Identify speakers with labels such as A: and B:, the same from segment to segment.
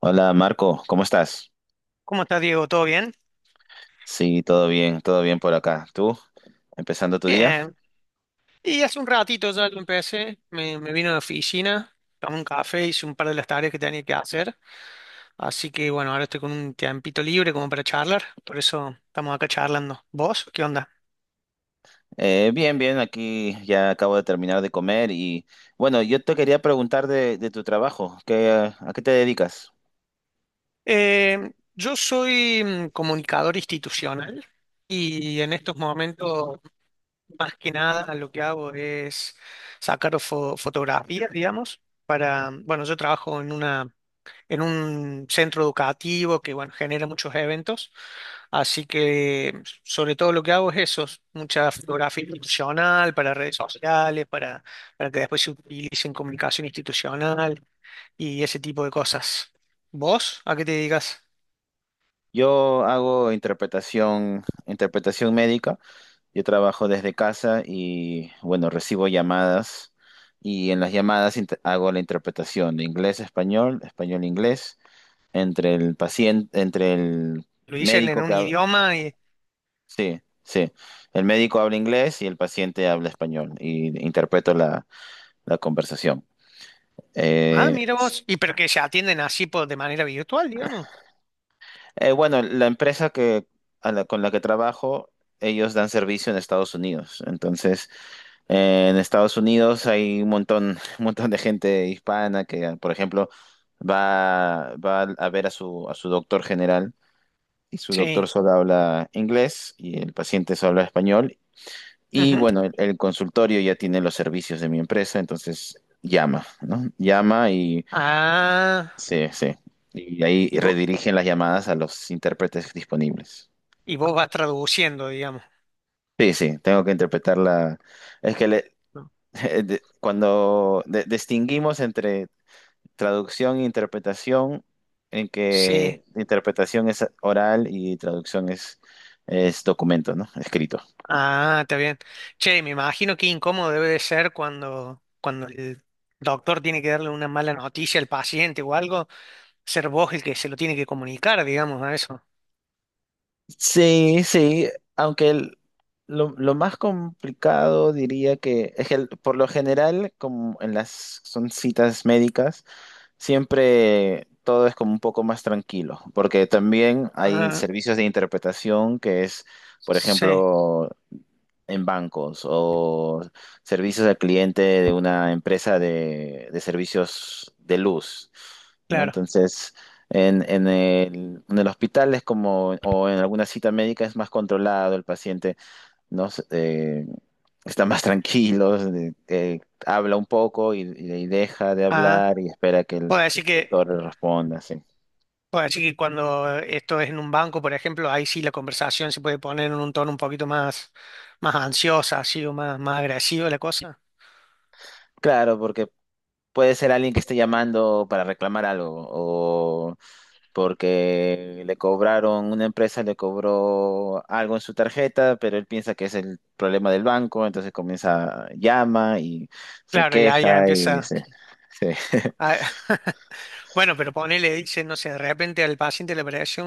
A: Hola Marco, ¿cómo estás?
B: ¿Cómo estás, Diego? ¿Todo bien?
A: Sí, todo bien por acá. ¿Tú? ¿Empezando tu día?
B: Bien. Y hace un ratito ya lo empecé, me vine a la oficina, tomé un café, hice un par de las tareas que tenía que hacer. Así que bueno, ahora estoy con un tiempito libre como para charlar, por eso estamos acá charlando. ¿Vos? ¿Qué onda?
A: Bien, bien, aquí ya acabo de terminar de comer y bueno, yo te quería preguntar de tu trabajo, ¿qué, a qué te dedicas?
B: Yo soy comunicador institucional y en estos momentos, más que nada, lo que hago es sacar fotografías, digamos, para, bueno, yo trabajo en una en un centro educativo que, bueno, genera muchos eventos. Así que sobre todo lo que hago es eso, mucha fotografía institucional para redes sociales, para que después se utilice en comunicación institucional y ese tipo de cosas. ¿Vos a qué te dedicas?
A: Yo hago interpretación, interpretación médica, yo trabajo desde casa y bueno, recibo llamadas y en las llamadas hago la interpretación de inglés a español, español a inglés, entre el paciente, entre el
B: Lo dicen en
A: médico
B: un
A: que, hab-
B: idioma y...
A: sí, sí. El médico habla inglés y el paciente habla español y interpreto la conversación.
B: Ah,
A: Eh,
B: mira vos. Y pero que se atienden así por, de manera virtual, digamos.
A: bueno, con la que trabajo, ellos dan servicio en Estados Unidos. Entonces, en Estados Unidos hay un montón, un montón de gente hispana que, por ejemplo, va a ver a a su doctor general y su doctor
B: Sí.
A: solo habla inglés y el paciente solo habla español. Y
B: Ujú.
A: bueno, el consultorio ya tiene los servicios de mi empresa, entonces llama, ¿no? Llama y
B: Ah,
A: sí, sí. Y ahí
B: y vos,
A: redirigen las llamadas a los intérpretes disponibles.
B: y vos vas traduciendo, digamos.
A: Sí, sí, tengo que interpretar la... Es que le-
B: ¿No?
A: cuando distinguimos entre traducción e interpretación, en
B: Sí.
A: que interpretación es oral y traducción es documento, ¿no? Escrito.
B: Ah, está bien. Che, me imagino qué incómodo debe de ser cuando, cuando el doctor tiene que darle una mala noticia al paciente o algo, ser vos el que se lo tiene que comunicar, digamos, a eso.
A: Sí, sí, aunque el- lo más complicado diría que es que por lo general, como en las son citas médicas, siempre todo es como un poco más tranquilo, porque también hay
B: Ah,
A: servicios de interpretación que es, por
B: sí,
A: ejemplo, en bancos o servicios al cliente de una empresa de servicios de luz, ¿no?
B: claro.
A: Entonces, en el hospital es como, o en alguna cita médica es más controlado el paciente, ¿no? Está más tranquilo, habla un poco y deja de
B: Ah,
A: hablar y espera que el
B: puedo decir que,
A: doctor le responda, sí.
B: puedo decir que cuando esto es en un banco, por ejemplo, ahí sí la conversación se puede poner en un tono un poquito más, más ansiosa, así, o más, más agresiva la cosa.
A: Claro, porque puede ser alguien que esté llamando para reclamar algo porque le cobraron, una empresa le cobró algo en su tarjeta, pero él piensa que es el problema del banco, entonces comienza, llama y se
B: Claro, ya, ya
A: queja y
B: empieza.
A: se... se-
B: A- Bueno, pero ponele, dice, no sé, de repente al paciente le apareció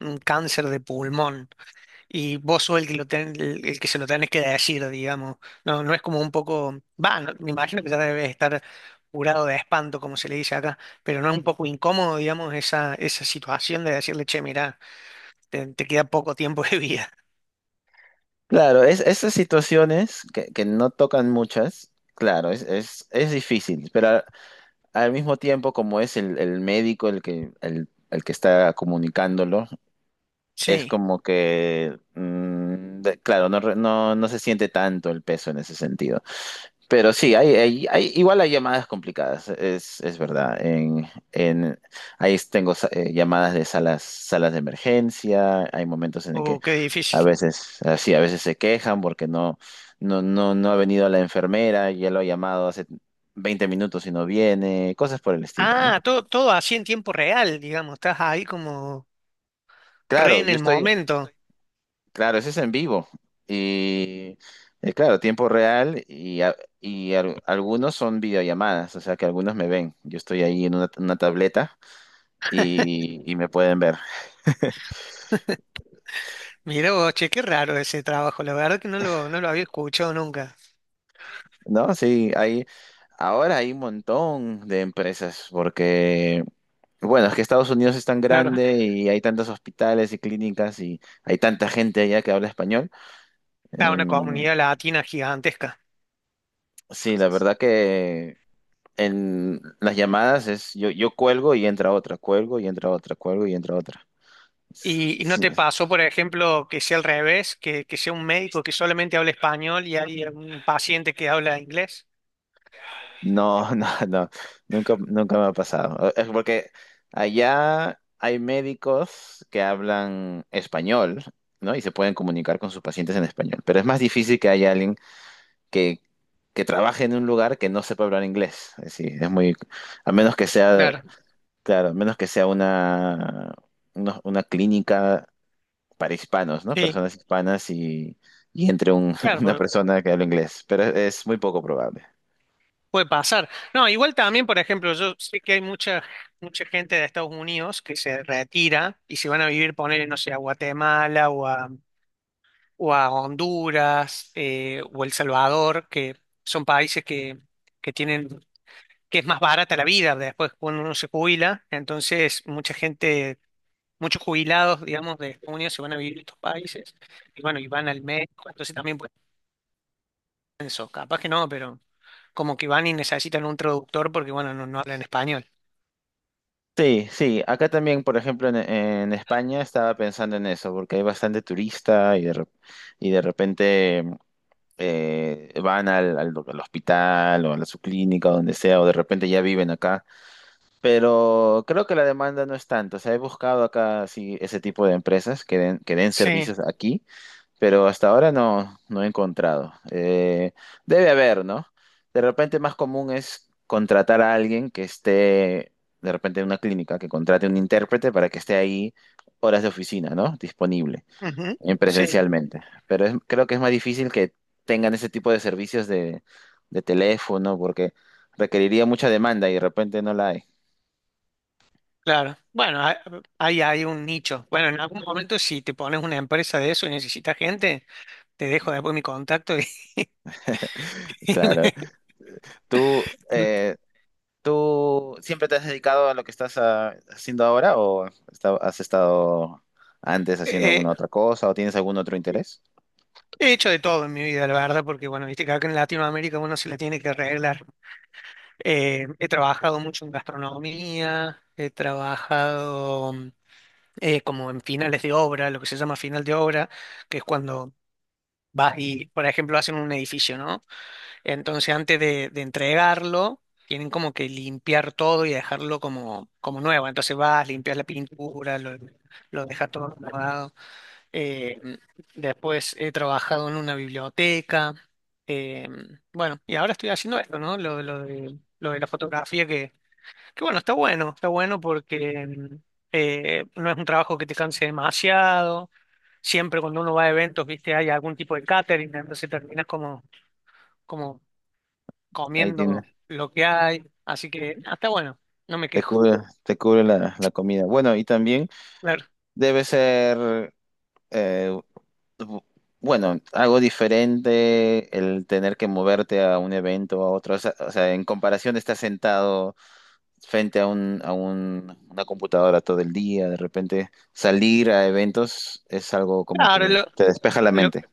B: un cáncer de pulmón y vos sos el que, el que se lo tenés que decir, digamos. No, no es como un poco, va, no- me imagino que ya debes estar curado de espanto, como se le dice acá, pero no es un poco incómodo, digamos, esa situación de decirle, che, mirá, te queda poco tiempo de vida.
A: Claro, esas situaciones que no tocan muchas, claro, es difícil, pero al, al mismo tiempo como es el médico el que está comunicándolo, es
B: Sí.
A: como que, claro, no, no se siente tanto el peso en ese sentido. Pero sí, igual hay llamadas complicadas, es verdad. Ahí tengo llamadas de salas, salas de emergencia, hay momentos en el que
B: Oh, qué
A: a
B: difícil.
A: veces, así, a veces se quejan porque no ha venido la enfermera, ya lo ha llamado hace 20 minutos y no viene, cosas por el estilo, ¿no?
B: Ah, todo, todo así en tiempo real, digamos, estás ahí como re
A: Claro,
B: en
A: yo
B: el
A: estoy,
B: momento.
A: claro, eso es en vivo y, claro, tiempo real algunos son videollamadas, o sea que algunos me ven, yo estoy ahí en una tableta. Y, y me pueden ver.
B: Mirá vos, che, qué raro ese trabajo, la verdad que no lo había escuchado nunca.
A: No, sí, hay, ahora hay un montón de empresas porque, bueno, es que Estados Unidos es tan
B: Claro.
A: grande y hay tantos hospitales y clínicas y hay tanta gente allá que habla español.
B: A una
A: Em,
B: comunidad latina gigantesca.
A: sí, la verdad que en las llamadas es yo, yo cuelgo y entra otra, cuelgo y entra otra, cuelgo y entra otra.
B: Y no
A: Sí,
B: te pasó, por ejemplo, que sea al revés, que sea un médico que solamente hable español y hay un paciente que habla inglés.
A: no, nunca, nunca me ha pasado. Es porque allá hay médicos que hablan español, ¿no? Y se pueden comunicar con sus pacientes en español. Pero es más difícil que haya alguien que, que trabaje en un lugar que no sepa hablar inglés. Es decir, es muy, a menos que sea,
B: Claro,
A: claro, a menos que sea una clínica para hispanos, ¿no?
B: sí,
A: Personas hispanas y
B: claro,
A: una persona que habla inglés. Pero es muy poco probable.
B: puede pasar. No, igual también, por ejemplo, yo sé que hay mucha, mucha gente de Estados Unidos que se retira y se van a vivir, poner, no sé, a Guatemala o a Honduras o El Salvador, que son países que tienen que es más barata la vida después cuando uno se jubila. Entonces, mucha gente, muchos jubilados, digamos, de Estados Unidos se van a vivir a estos países y bueno, y van al médico, entonces también pueden eso. Capaz que no, pero como que van y necesitan un traductor porque, bueno, no, no hablan español.
A: Sí, sí, acá también, por ejemplo, en España estaba pensando en eso, porque hay bastante turista y y de repente van al hospital o a su clínica, o donde sea, o de repente ya viven acá. Pero creo que la demanda no es tanto. O sea, he buscado acá sí, ese tipo de empresas que den
B: Sí,
A: servicios aquí pero hasta ahora no he encontrado. Debe haber, ¿no? De repente más común es contratar a alguien que esté, de repente en una clínica, que contrate un intérprete para que esté ahí horas de oficina, ¿no? Disponible
B: ujú,
A: en
B: sí,
A: presencialmente. Creo que es más difícil que tengan ese tipo de servicios de teléfono porque requeriría mucha demanda y de repente no la hay.
B: claro. Bueno, hay, hay hay un nicho. Bueno, en algún momento si te pones una empresa de eso y necesitas gente, te dejo después mi contacto y, me-
A: Claro. Tú, ¿tú siempre te has dedicado a lo que estás haciendo ahora o has estado antes haciendo
B: eh,
A: alguna otra cosa o tienes algún otro interés?
B: he hecho de todo en mi vida, la verdad, porque bueno, viste que acá en Latinoamérica uno se la tiene que arreglar. He trabajado mucho en gastronomía, he trabajado como en finales de obra, lo que se llama final de obra, que es cuando vas y, por ejemplo, hacen un edificio, ¿no? Entonces, de entregarlo, tienen como que limpiar todo y dejarlo como, como nuevo. Entonces vas, limpias la pintura, lo dejas todo acomodado. Eh, después he trabajado en una biblioteca. Eh, bueno, y ahora estoy haciendo esto, ¿no? Lo de la fotografía, que bueno, está bueno, está bueno porque no es un trabajo que te canse demasiado. Siempre cuando uno va a eventos, viste, hay algún tipo de catering, entonces terminas como, como
A: Ahí tienes,
B: comiendo lo que hay. Así que ah, está bueno, no me
A: te
B: quejo.
A: cubre, te cubre la comida. Bueno, y también
B: Claro,
A: debe ser, eh, bu- bueno, algo diferente el tener que moverte a un evento, a otro. O sea, en comparación de estar sentado frente a una computadora todo el día, de repente salir a eventos es algo como
B: claro,
A: que te despeja la
B: lo-
A: mente.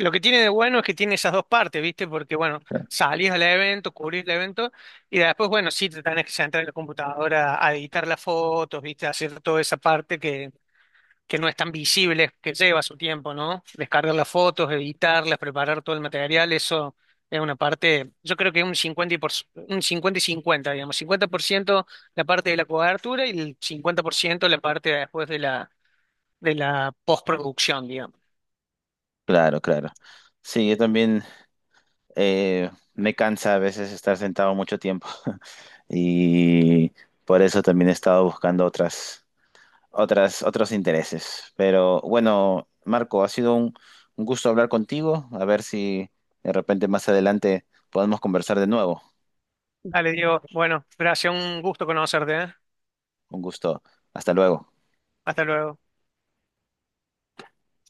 B: lo que tiene de bueno es que tiene esas dos partes, ¿viste? Porque, bueno, salís al evento, cubrís el evento, y después, bueno, sí te tenés que sentar en la computadora a editar las fotos, ¿viste? A hacer toda esa parte que no es tan visible, que lleva su tiempo, ¿no? Descargar las fotos, editarlas, preparar todo el material, eso es una parte, yo creo que un 50 y 50, digamos, 50% la parte de la cobertura y el 50% la parte después de la postproducción, digamos.
A: Claro, claro. Sí, yo también eh, me cansa a veces estar sentado mucho tiempo y por eso también he estado buscando otras. Otras, otros intereses. Pero bueno, Marco, ha sido un gusto hablar contigo. A ver si de repente más adelante podemos conversar de nuevo.
B: Dale, Diego. Bueno, gracias, un gusto conocerte, ¿eh?
A: Un gusto. Hasta luego.
B: Hasta luego.